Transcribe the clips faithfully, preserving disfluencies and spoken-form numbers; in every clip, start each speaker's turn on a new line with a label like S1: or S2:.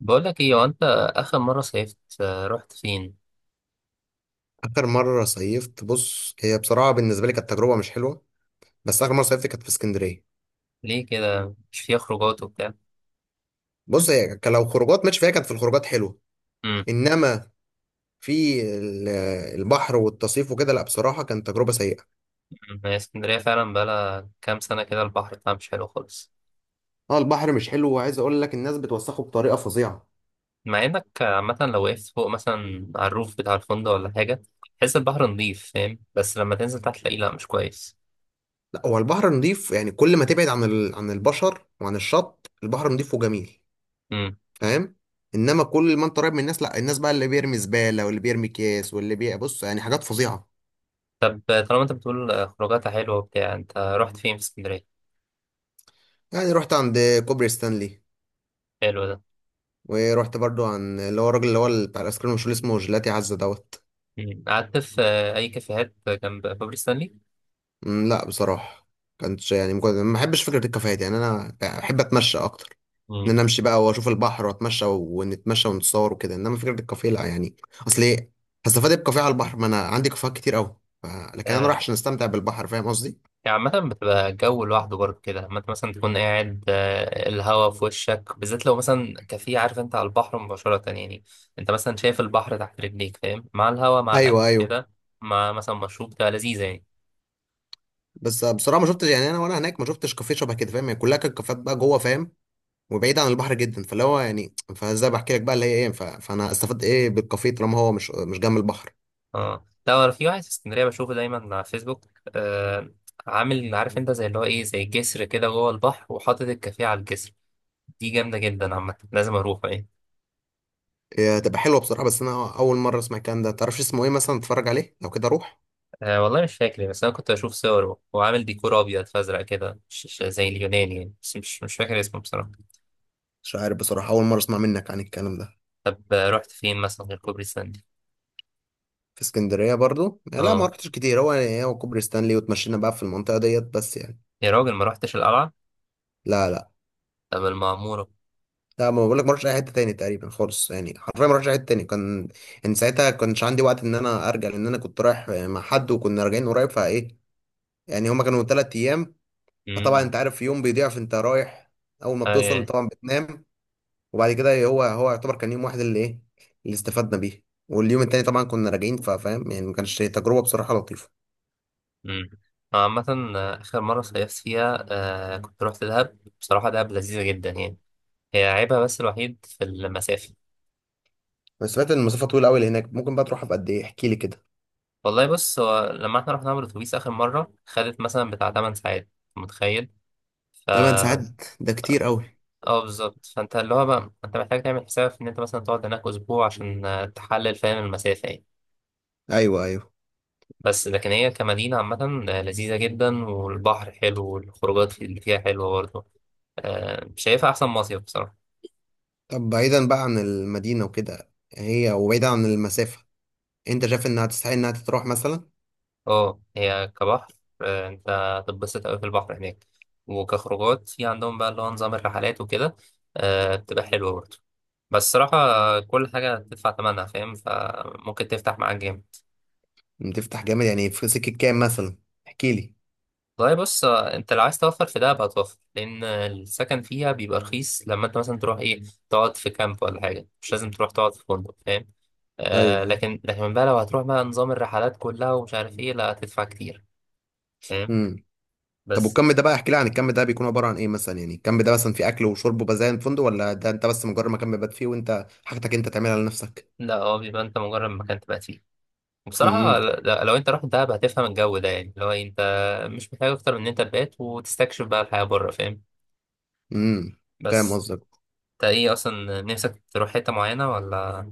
S1: بقول لك ايه. هو انت اخر مره صيفت، آه، رحت فين؟
S2: اخر مره صيفت، بص، هي بصراحه بالنسبه لي كانت تجربه مش حلوه. بس اخر مره صيفت كانت في اسكندريه.
S1: ليه كده، مش فيها خروجات وبتاع؟
S2: بص، هي كان لو خروجات ماشي فيها، كانت في الخروجات حلوه.
S1: امم.
S2: انما في ال- البحر والتصيف وكده، لا بصراحه كانت تجربه سيئه.
S1: هي اسكندريه فعلا بقالها كام سنه كده، البحر بتاعها مش حلو خالص.
S2: اه، البحر مش حلو، وعايز اقول لك الناس بتوسخه بطريقه فظيعه.
S1: مع انك، آه، عامه لو وقفت فوق مثلا على الروف بتاع الفندق ولا حاجه، تحس البحر نضيف، فاهم؟ بس لما تنزل تحت تلاقيه لا مش كويس.
S2: لا، هو البحر نضيف، يعني كل ما تبعد عن ال... عن البشر وعن الشط البحر نضيف وجميل.
S1: امم.
S2: فاهم؟ انما كل ما انت قريب من الناس، لا الناس بقى اللي بيرمي زباله واللي بيرمي كيس واللي بي بص، يعني حاجات فظيعه.
S1: طب آه، طالما انت بتقول آه، خروجاتها حلوه وبتاع، انت رحت فين في اسكندريه؟
S2: يعني رحت عند كوبري ستانلي.
S1: حلو ده.
S2: ورحت برضو عن اللي هو الراجل اللي هو بتاع الايس كريم، مش اللي اسمه جيلاتي عزة دوت.
S1: مم. قعدت في آه، اي كافيهات جنب بابلي ستانلي؟
S2: مم، لا بصراحة. كانتش، يعني مجرد ما بحبش فكرة الكافيهات، يعني انا بحب اتمشى اكتر. ان
S1: مم.
S2: انا امشي بقى واشوف البحر واتمشى ونتمشى ونتصور وكده، انما فكرة الكافيه لا، يعني، اصل ايه هستفاد ايه بكافيه على البحر؟ ما انا عندي كافيهات كتير قوي. ف... لكن انا
S1: آه،
S2: رايح عشان استمتع بالبحر. فاهم قصدي؟
S1: يعني عامة بتبقى جو لوحده برضه كده، لما انت مثلا تكون قاعد، آه، الهوا في وشك، بالذات لو مثلا كافيه، عارف انت، على البحر مباشرة يعني. انت مثلا شايف البحر تحت رجليك، فاهم، مع الهوا مع الأكل
S2: ايوه، ايوه.
S1: كده، مع مثلا مشروب، تبقى لذيذة يعني.
S2: بس بصراحة ما شفتش، يعني انا وانا هناك ما شفتش كافيه شبه كده. فاهم؟ يعني كلها كانت كافيهات بقى جوه، فاهم، وبعيد عن البحر جدا، فاللي هو يعني، فازاي بحكي لك بقى اللي هي ايه، ف... فانا استفدت ايه بالكافيه طالما هو مش مش جنب البحر؟
S1: اه لا، أنا في واحد في اسكندرية بشوفه دايما على فيسبوك. آه. عامل، عارف انت، زي اللي هو ايه، زي جسر كده جوه البحر وحاطط الكافيه على الجسر. دي جامدة جدا، عامة لازم أروحه يعني.
S2: إيه، هتبقى حلوه بصراحه، بس انا اول مره اسمع الكلام ده. تعرفش اسمه ايه مثلا؟ اتفرج عليه لو كده اروح.
S1: أه والله مش فاكر، بس انا كنت اشوف صوره، هو عامل ديكور ابيض فازرق كده، مش مش زي اليوناني يعني، بس مش مش فاكر اسمه بصراحه.
S2: مش عارف بصراحه، اول مره اسمع منك عن الكلام ده.
S1: طب آه، رحت فين مثلا غير كوبري ستانلي؟
S2: في اسكندريه برضو، لا ما
S1: اه.
S2: رحتش كتير، هو يعني إيه، هو كوبري ستانلي وتمشينا بقى في المنطقه ديت، بس يعني.
S1: يا راجل، ما رحتش القلعه؟
S2: لا، لا،
S1: طب المعموره؟
S2: لا، ما بقول لك ما رحتش اي حته تاني تقريبا خالص، يعني حرفيا ما رحتش اي حته تاني. كان، ان ساعتها كانش عندي وقت ان انا ارجع، لان انا كنت رايح مع حد وكنا راجعين قريب، فايه، يعني هما كانوا ثلاث ايام. فطبعا
S1: امم.
S2: انت عارف يوم بيضيع، فانت رايح اول ما
S1: اي.
S2: بتوصل طبعا بتنام، وبعد كده هو هو يعتبر كان يوم واحد اللي ايه اللي استفدنا بيه، واليوم التاني طبعا كنا راجعين. فاهم؟ يعني ما كانش تجربه بصراحه لطيفه.
S1: امم. آه، عامه، آه، اخر مره صيفت فيها آه كنت رحت دهب، بصراحه دهب لذيذه جدا يعني. هي عيبها بس الوحيد في المسافه.
S2: بس سمعت ان المسافه طويله قوي هناك. ممكن بقى تروحها بقد ايه؟ احكي لي كده.
S1: والله بص، هو لما احنا رحنا بالاتوبيس اخر مره خدت مثلا بتاع تمن ساعات. متخيل؟ ف
S2: ثماني ساعات ده كتير قوي.
S1: اه بالظبط، فانت اللي هو بقى انت محتاج تعمل حساب ان انت مثلا تقعد هناك اسبوع عشان آه، تحلل، فاهم؟ المسافه يعني.
S2: ايوه، ايوه.
S1: بس لكن هي كمدينه عامه آه، لذيذه جدا، والبحر حلو والخروجات في- اللي فيها حلوه برضه. آه، شايفها احسن مصيف بصراحه.
S2: طب بعيدا بقى عن المدينه وكده هي، وبعيدا عن المسافه، انت شايف انها تستحق انها تتروح مثلا؟
S1: اه، هي كبحر، آه، انت هتتبسط قوي في البحر هناك. وكخروجات في عندهم بقى اللي هو نظام الرحلات وكده، آه، بتبقى حلوه برضه. بس الصراحه، آه، كل حاجه تدفع ثمنها، فاهم؟ فممكن تفتح معاك جامد.
S2: تفتح جامد يعني في سكه كام مثلا؟ احكي لي.
S1: والله بص، آه، انت لو عايز توفر في دهب هتوفر، لان السكن فيها بيبقى رخيص لما انت مثلا تروح ايه، تقعد في كامب ولا حاجه، مش لازم تروح تقعد في فندق، فاهم؟ آه،
S2: ايوه،
S1: لكن لكن بقى لو هتروح بقى نظام الرحلات كلها ومش عارف ايه، لا هتدفع كتير. فاهم؟
S2: ايوه. طب
S1: بس.
S2: والكم ده بقى، احكي لي عن الكم ده، بيكون عباره عن ايه مثلا؟ يعني الكم ده مثلا في اكل وشرب وبزايا فندق، ولا ده انت بس مجرد مكان بيبات فيه وانت حاجتك انت تعملها لنفسك؟
S1: لا، هو بيبقى انت مجرد مكان تبقى فيه. بصراحة،
S2: امم.
S1: ل- لو انت رحت دهب هتفهم الجو ده يعني، لو انت مش محتاج اكتر من ان انت تبات وتستكشف بقى الحياة بره، فاهم؟
S2: امم. فاهم
S1: بس.
S2: قصدك.
S1: انت ايه اصلا نفسك تروح حتة معينة، ولا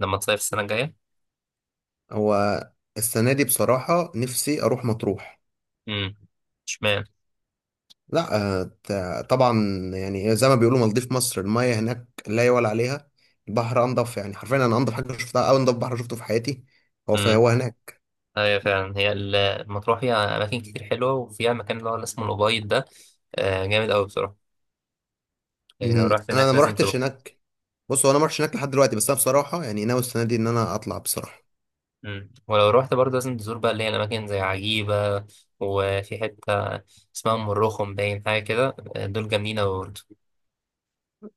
S1: لما تصيف السنة الجاية؟
S2: هو السنه دي بصراحه نفسي اروح مطروح.
S1: امم. اشمعنى؟
S2: لا. آه، ت- طبعا. يعني إيه، زي ما بيقولوا مالديف مصر، المايه هناك لا يعلى عليها. البحر انضف، يعني حرفيا انا انضف حاجه شفتها، او انضف بحر شفته في حياتي. هو
S1: امم.
S2: فهو هناك.
S1: ايوه فعلا، هي ال- المطروح فيها اماكن كتير حلوه، وفيها مكان اللي هو اللي اسمه الأبيض ده، آه، جامد قوي بصراحه. يعني لو
S2: امم.
S1: رحت
S2: انا أنا
S1: هناك
S2: ما
S1: لازم تروح.
S2: رحتش هناك. بص، هو انا ما رحتش هناك لحد دلوقتي، بس انا بصراحه يعني ناوي السنه دي ان انا اطلع بصراحه.
S1: امم. ولو رحت برضه لازم تزور بقى اللي هي الاماكن زي عجيبه، وفي حته اسمها ام الرخم، باين حاجه كده، آه، دول جامدين قوي برضه.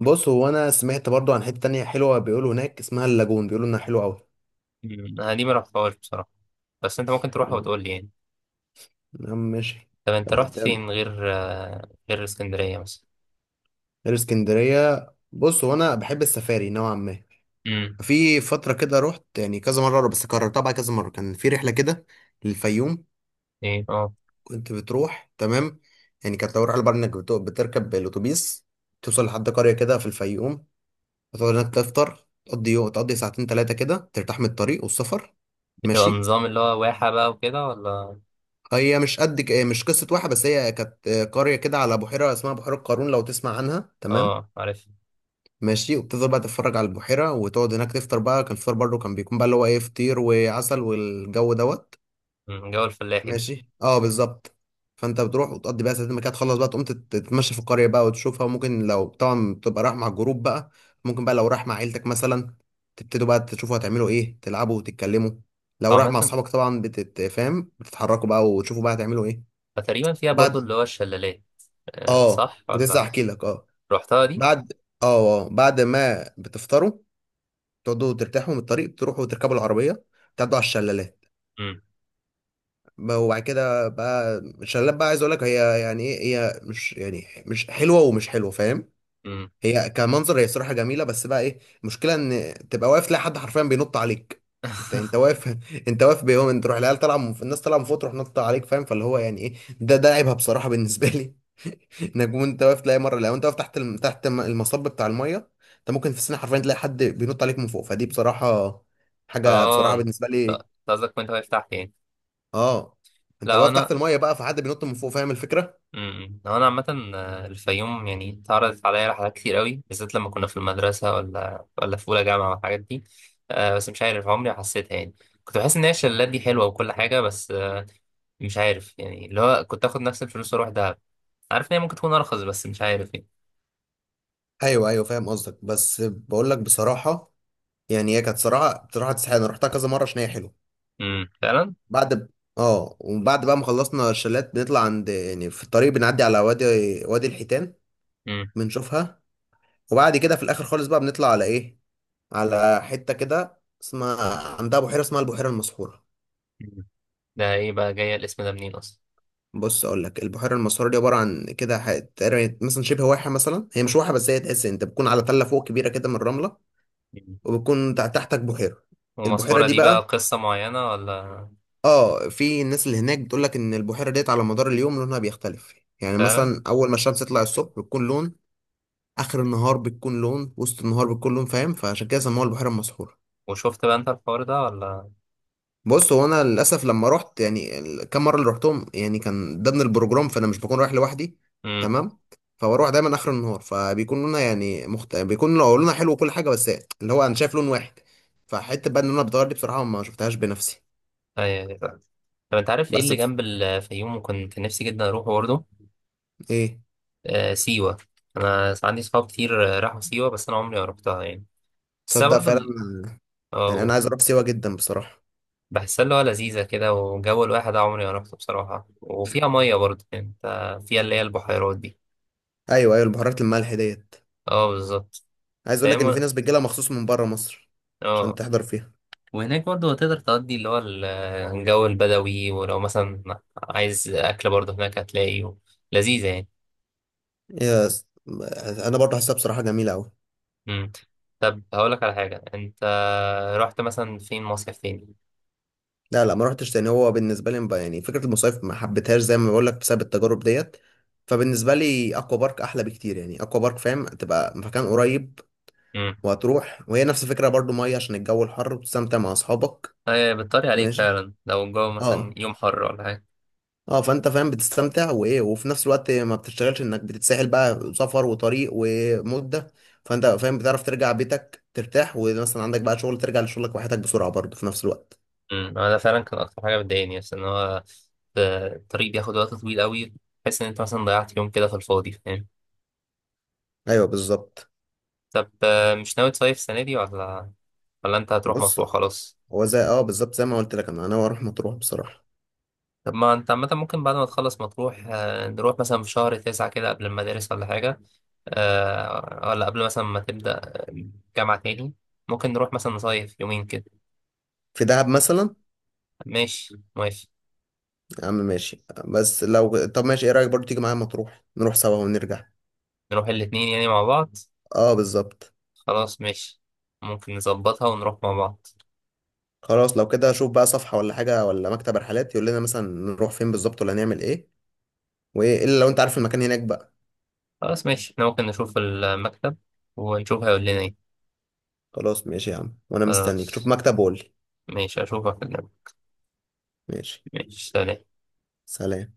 S2: بص، هو انا سمعت برضو عن حتة تانية حلوة بيقولوا هناك اسمها اللاجون، بيقولوا انها حلوة قوي.
S1: أمم، انا دي ما رحتهاش بصراحه. بس انت ممكن تروحها وتقول لي يعني.
S2: يا عم، ماشي.
S1: طب انت
S2: طب
S1: رحت
S2: ده-
S1: فين غير آه، غير اسكندريه مثلا؟
S2: غير اسكندرية، بص، هو انا بحب السفاري نوعا ما.
S1: امم.
S2: في فترة كده رحت يعني كذا مرة، بس كررتها بقى كذا مرة. كان في رحلة كده للفيوم.
S1: ايه. اه.
S2: كنت بتروح تمام. يعني كانت لو رحلة بقى انك بت- بتركب الاتوبيس، توصل لحد قرية كده في الفيوم، وتقعد هناك تفطر، تقضي يوم، تقضي ساعتين تلاتة كده، ترتاح من الطريق والسفر.
S1: بتبقى
S2: ماشي.
S1: نظام اللي هو واحه بقى وكده ولا؟
S2: هي مش قد ك- مش قصة واحد، بس هي كانت قرية كده على بحيرة اسمها بحيرة قارون، لو تسمع عنها. تمام؟
S1: اه، عارف.
S2: ماشي. وبتفضل بقى تتفرج على البحيرة وتقعد هناك تفطر بقى. كان الفطار برضه كان بيكون بقى اللي هو ايه، فطير وعسل والجو دوت.
S1: أمم، جو الفلاحي ده.
S2: ماشي. اه، بالظبط. فانت بتروح وتقضي بقى ساعتين ما كده تخلص بقى، تقوم تت- تتمشى في القرية بقى وتشوفها، وممكن لو طبعا بتبقى رايح مع الجروب بقى، ممكن بقى لو رايح مع عيلتك مثلا، تبتدوا بقى تشوفوا هتعملوا ايه، تلعبوا وتتكلموا. لو رايح
S1: عامة،
S2: مع اصحابك طبعا بتتفاهم، بتتحركوا بقى وتشوفوا بقى هتعملوا ايه.
S1: فتقريبا فيها برضو
S2: بعد.
S1: اللي هو الشلالات، آه،
S2: اه،
S1: صح
S2: كنت لسه
S1: ولا؟
S2: هحكي لك. اه.
S1: رحتها دي؟
S2: بعد. اه، اه، بعد ما بتفطروا، تقعدوا ترتاحوا من الطريق، بتروحوا تركبوا العربيه، تعدوا على الشلالات.
S1: امم.
S2: ب- وبعد كده بقى الشلالات بقى، عايز اقول لك هي يعني ايه، هي مش يعني مش حلوه ومش حلوه. فاهم؟
S1: امم.
S2: هي كمنظر هي صراحه جميله، بس بقى ايه المشكله، ان تبقى واقف تلاقي حد حرفيا بينط عليك. انت انت واقف انت واقف بيهم، انت تروح العيال طالعه من- الناس طالعه من فوق تروح نط عليك. فاهم؟ فاللي هو يعني ايه، ده ده عيبها بصراحه بالنسبه لي. انك وانت واقف تلاقي مره لو انت واقف تحت الم... تحت الم- المصب بتاع الميه، انت ممكن في السنه حرفيا تلاقي حد بينط عليك من فوق. فدي بصراحه حاجه
S1: اه،
S2: بصراحه
S1: انت
S2: بالنسبه
S1: أنت
S2: لي.
S1: قصدك كنت واقف تحت يعني؟
S2: اه، انت
S1: لا،
S2: واقف
S1: انا.
S2: تحت الميه بقى، فحد بينط من فوق. فاهم الفكره؟
S1: امم هو انا عامه، آه، الفيوم يعني اتعرضت عليا رحلات كتير قوي، بالذات لما كنا في المدرسه ولا ولا في اولى جامعه والحاجات دي. آه، بس مش عارف عمري حسيتها يعني. كنت بحس ان هي الشلالات دي حلوه وكل حاجه، بس آه، مش عارف يعني، اللي هو كنت اخد نفس الفلوس واروح دهب. عارف ان هي ممكن تكون ارخص، بس مش عارف يعني.
S2: ايوه، ايوه، فاهم قصدك، بس بقول لك بصراحه، يعني هي كانت صراحه بصراحه تستحق، انا رحتها كذا مره عشان هي حلوه.
S1: امم، فعلا.
S2: بعد ب... اه وبعد بقى ما خلصنا الشلات، بنطلع عند يعني في الطريق بنعدي على وادي، وادي الحيتان.
S1: امم.
S2: بنشوفها. وبعد كده في الاخر خالص بقى بنطلع على ايه على حتة كده اسمها، عندها بحيرة اسمها البحيرة المسحورة.
S1: ده ايه بقى، جايه الاسم ده منين اصلا؟
S2: بص اقول لك، البحيرة المسحورة دي عبارة عن كده ح- تقريبا مثلا شبه واحة مثلا، هي مش واحة، بس هي تحس انت بتكون على تلة فوق كبيرة كده من الرملة، وبتكون تع- تحتك بحيرة. البحيرة
S1: ومسحورة
S2: دي
S1: دي بقى
S2: بقى،
S1: قصة معينة ولا؟
S2: اه في الناس اللي هناك بتقول لك ان البحيرة ديت على مدار اليوم لونها بيختلف. يعني
S1: فعلا.
S2: مثلا اول ما الشمس تطلع الصبح بتكون لون، اخر النهار بتكون لون، وسط النهار بتكون لون. فاهم؟ فعشان كده سموها البحيرة المسحورة.
S1: وشفت بقى انت الحوار ده ولا؟
S2: بص هو انا للاسف لما رحت يعني ال- كم مره اللي رحتهم، يعني كان ضمن البروجرام، فانا مش بكون رايح لوحدي.
S1: امم.
S2: تمام. فبروح دايما اخر النهار، فبيكون لونها يعني مخت... بيكون لو لونها حلو وكل حاجه، بس اللي هو انا شايف لون واحد. فحته بقى ان انا بتغير دي بصراحه ما شفتهاش بنفسي.
S1: ايوه، أيوة، فعلا. طب انت عارف ايه
S2: بس
S1: اللي
S2: بس
S1: جنب الفيوم، وكنت نفسي جدا اروحه برضه؟
S2: ايه.
S1: آه، سيوة. انا عندي صحاب كتير آه، راحوا سيوة، بس انا عمري ما رحتها يعني. بس
S2: تصدق
S1: برضه
S2: فعلا،
S1: ال-
S2: يعني انا
S1: آه،
S2: عايز اروح سيوه جدا بصراحه.
S1: بحسها اللي هو لذيذة كده، وجو الواحد عمري ما رحته بصراحة، وفيها مية برضه يعني انت، فيها اللي هي البحيرات دي.
S2: ايوه، ايوه، البهارات، الملح ديت.
S1: اه بالظبط.
S2: عايز اقول لك ان في
S1: فاهم؟
S2: ناس بتجيلها مخصوص من بره مصر، عشان
S1: اه.
S2: تحضر فيها.
S1: وهناك برضه تقدر تقضي اللي هو ال- الجو البدوي، ولو مثلا عايز أكل برضه هناك هتلاقيه، لذيذة يعني.
S2: يس، انا برضه حاسسها بصراحه جميله قوي.
S1: مم. طب هقولك على حاجة، أنت رحت مثلا فين مصيف تاني؟
S2: لا، لا، ما رحتش تاني، هو بالنسبه لي بقى- يعني فكره المصايف ما حبيتهاش زي ما بقول لك بسبب التجارب ديت. فبالنسبه لي اكوا بارك احلى بكتير، يعني اكوا بارك، فاهم؟ تبقى مكان قريب،
S1: مم.
S2: وهتروح، وهي نفس الفكره برضو، ميه عشان الجو الحر وتستمتع مع اصحابك.
S1: هي بتطري عليك
S2: ماشي.
S1: فعلا لو الجو مثلا
S2: اه،
S1: يوم حر ولا حاجة.
S2: اه، فانت فاهم بتستمتع وايه، وفي نفس الوقت ما بتشتغلش انك بتتسحل بقى سفر وطريق ومده. فانت فاهم بتعرف ترجع بيتك ترتاح، ومثلا عندك بقى شغل ترجع لشغلك وحياتك بسرعه برضو في نفس الوقت.
S1: مم. ده فعلا كان أكتر حاجة بتضايقني، بس إن هو الطريق بياخد وقت طويل أوي. تحس إن أنت مثلا ضيعت يوم كده في الفاضي، فاهم؟
S2: ايوه، بالظبط.
S1: طب آه، مش ناوي تصيف السنة دي، ولا ولا أنت هتروح
S2: بص
S1: مطروح خلاص؟
S2: هو زي اه بالظبط زي ما قلت لك، انا انا اروح مطروح بصراحه.
S1: طب ما انت عامة ممكن بعد ما تخلص مطروح، آه، نروح مثلا في شهر تسعة كده قبل المدارس ولا حاجة، آه، ولا قبل مثلا ما تبدأ جامعة تاني. ممكن نروح مثلا نصيف يومين كده.
S2: في دهب مثلا.
S1: ماشي، ماشي.
S2: يا عم، ماشي، بس لو طب ماشي، ايه رايك برضو تيجي معايا مطروح نروح سوا ونرجع؟
S1: نروح الاتنين يعني مع بعض؟
S2: اه، بالظبط.
S1: خلاص ماشي. ممكن نظبطها ونروح مع بعض.
S2: خلاص، لو كده اشوف بقى صفحه ولا حاجه ولا مكتب رحلات يقول لنا مثلا نروح فين بالظبط، ولا نعمل ايه. وايه الا لو انت عارف المكان هناك بقى.
S1: خلاص ماشي، احنا ممكن نشوف المكتب ونشوف هيقول لنا ايه.
S2: خلاص، ماشي يا عم، وانا مستنيك، شوف
S1: خلاص.
S2: مكتب وقول لي.
S1: ماشي، اشوفك.
S2: ماشي،
S1: ماشي، سلام.
S2: سلام.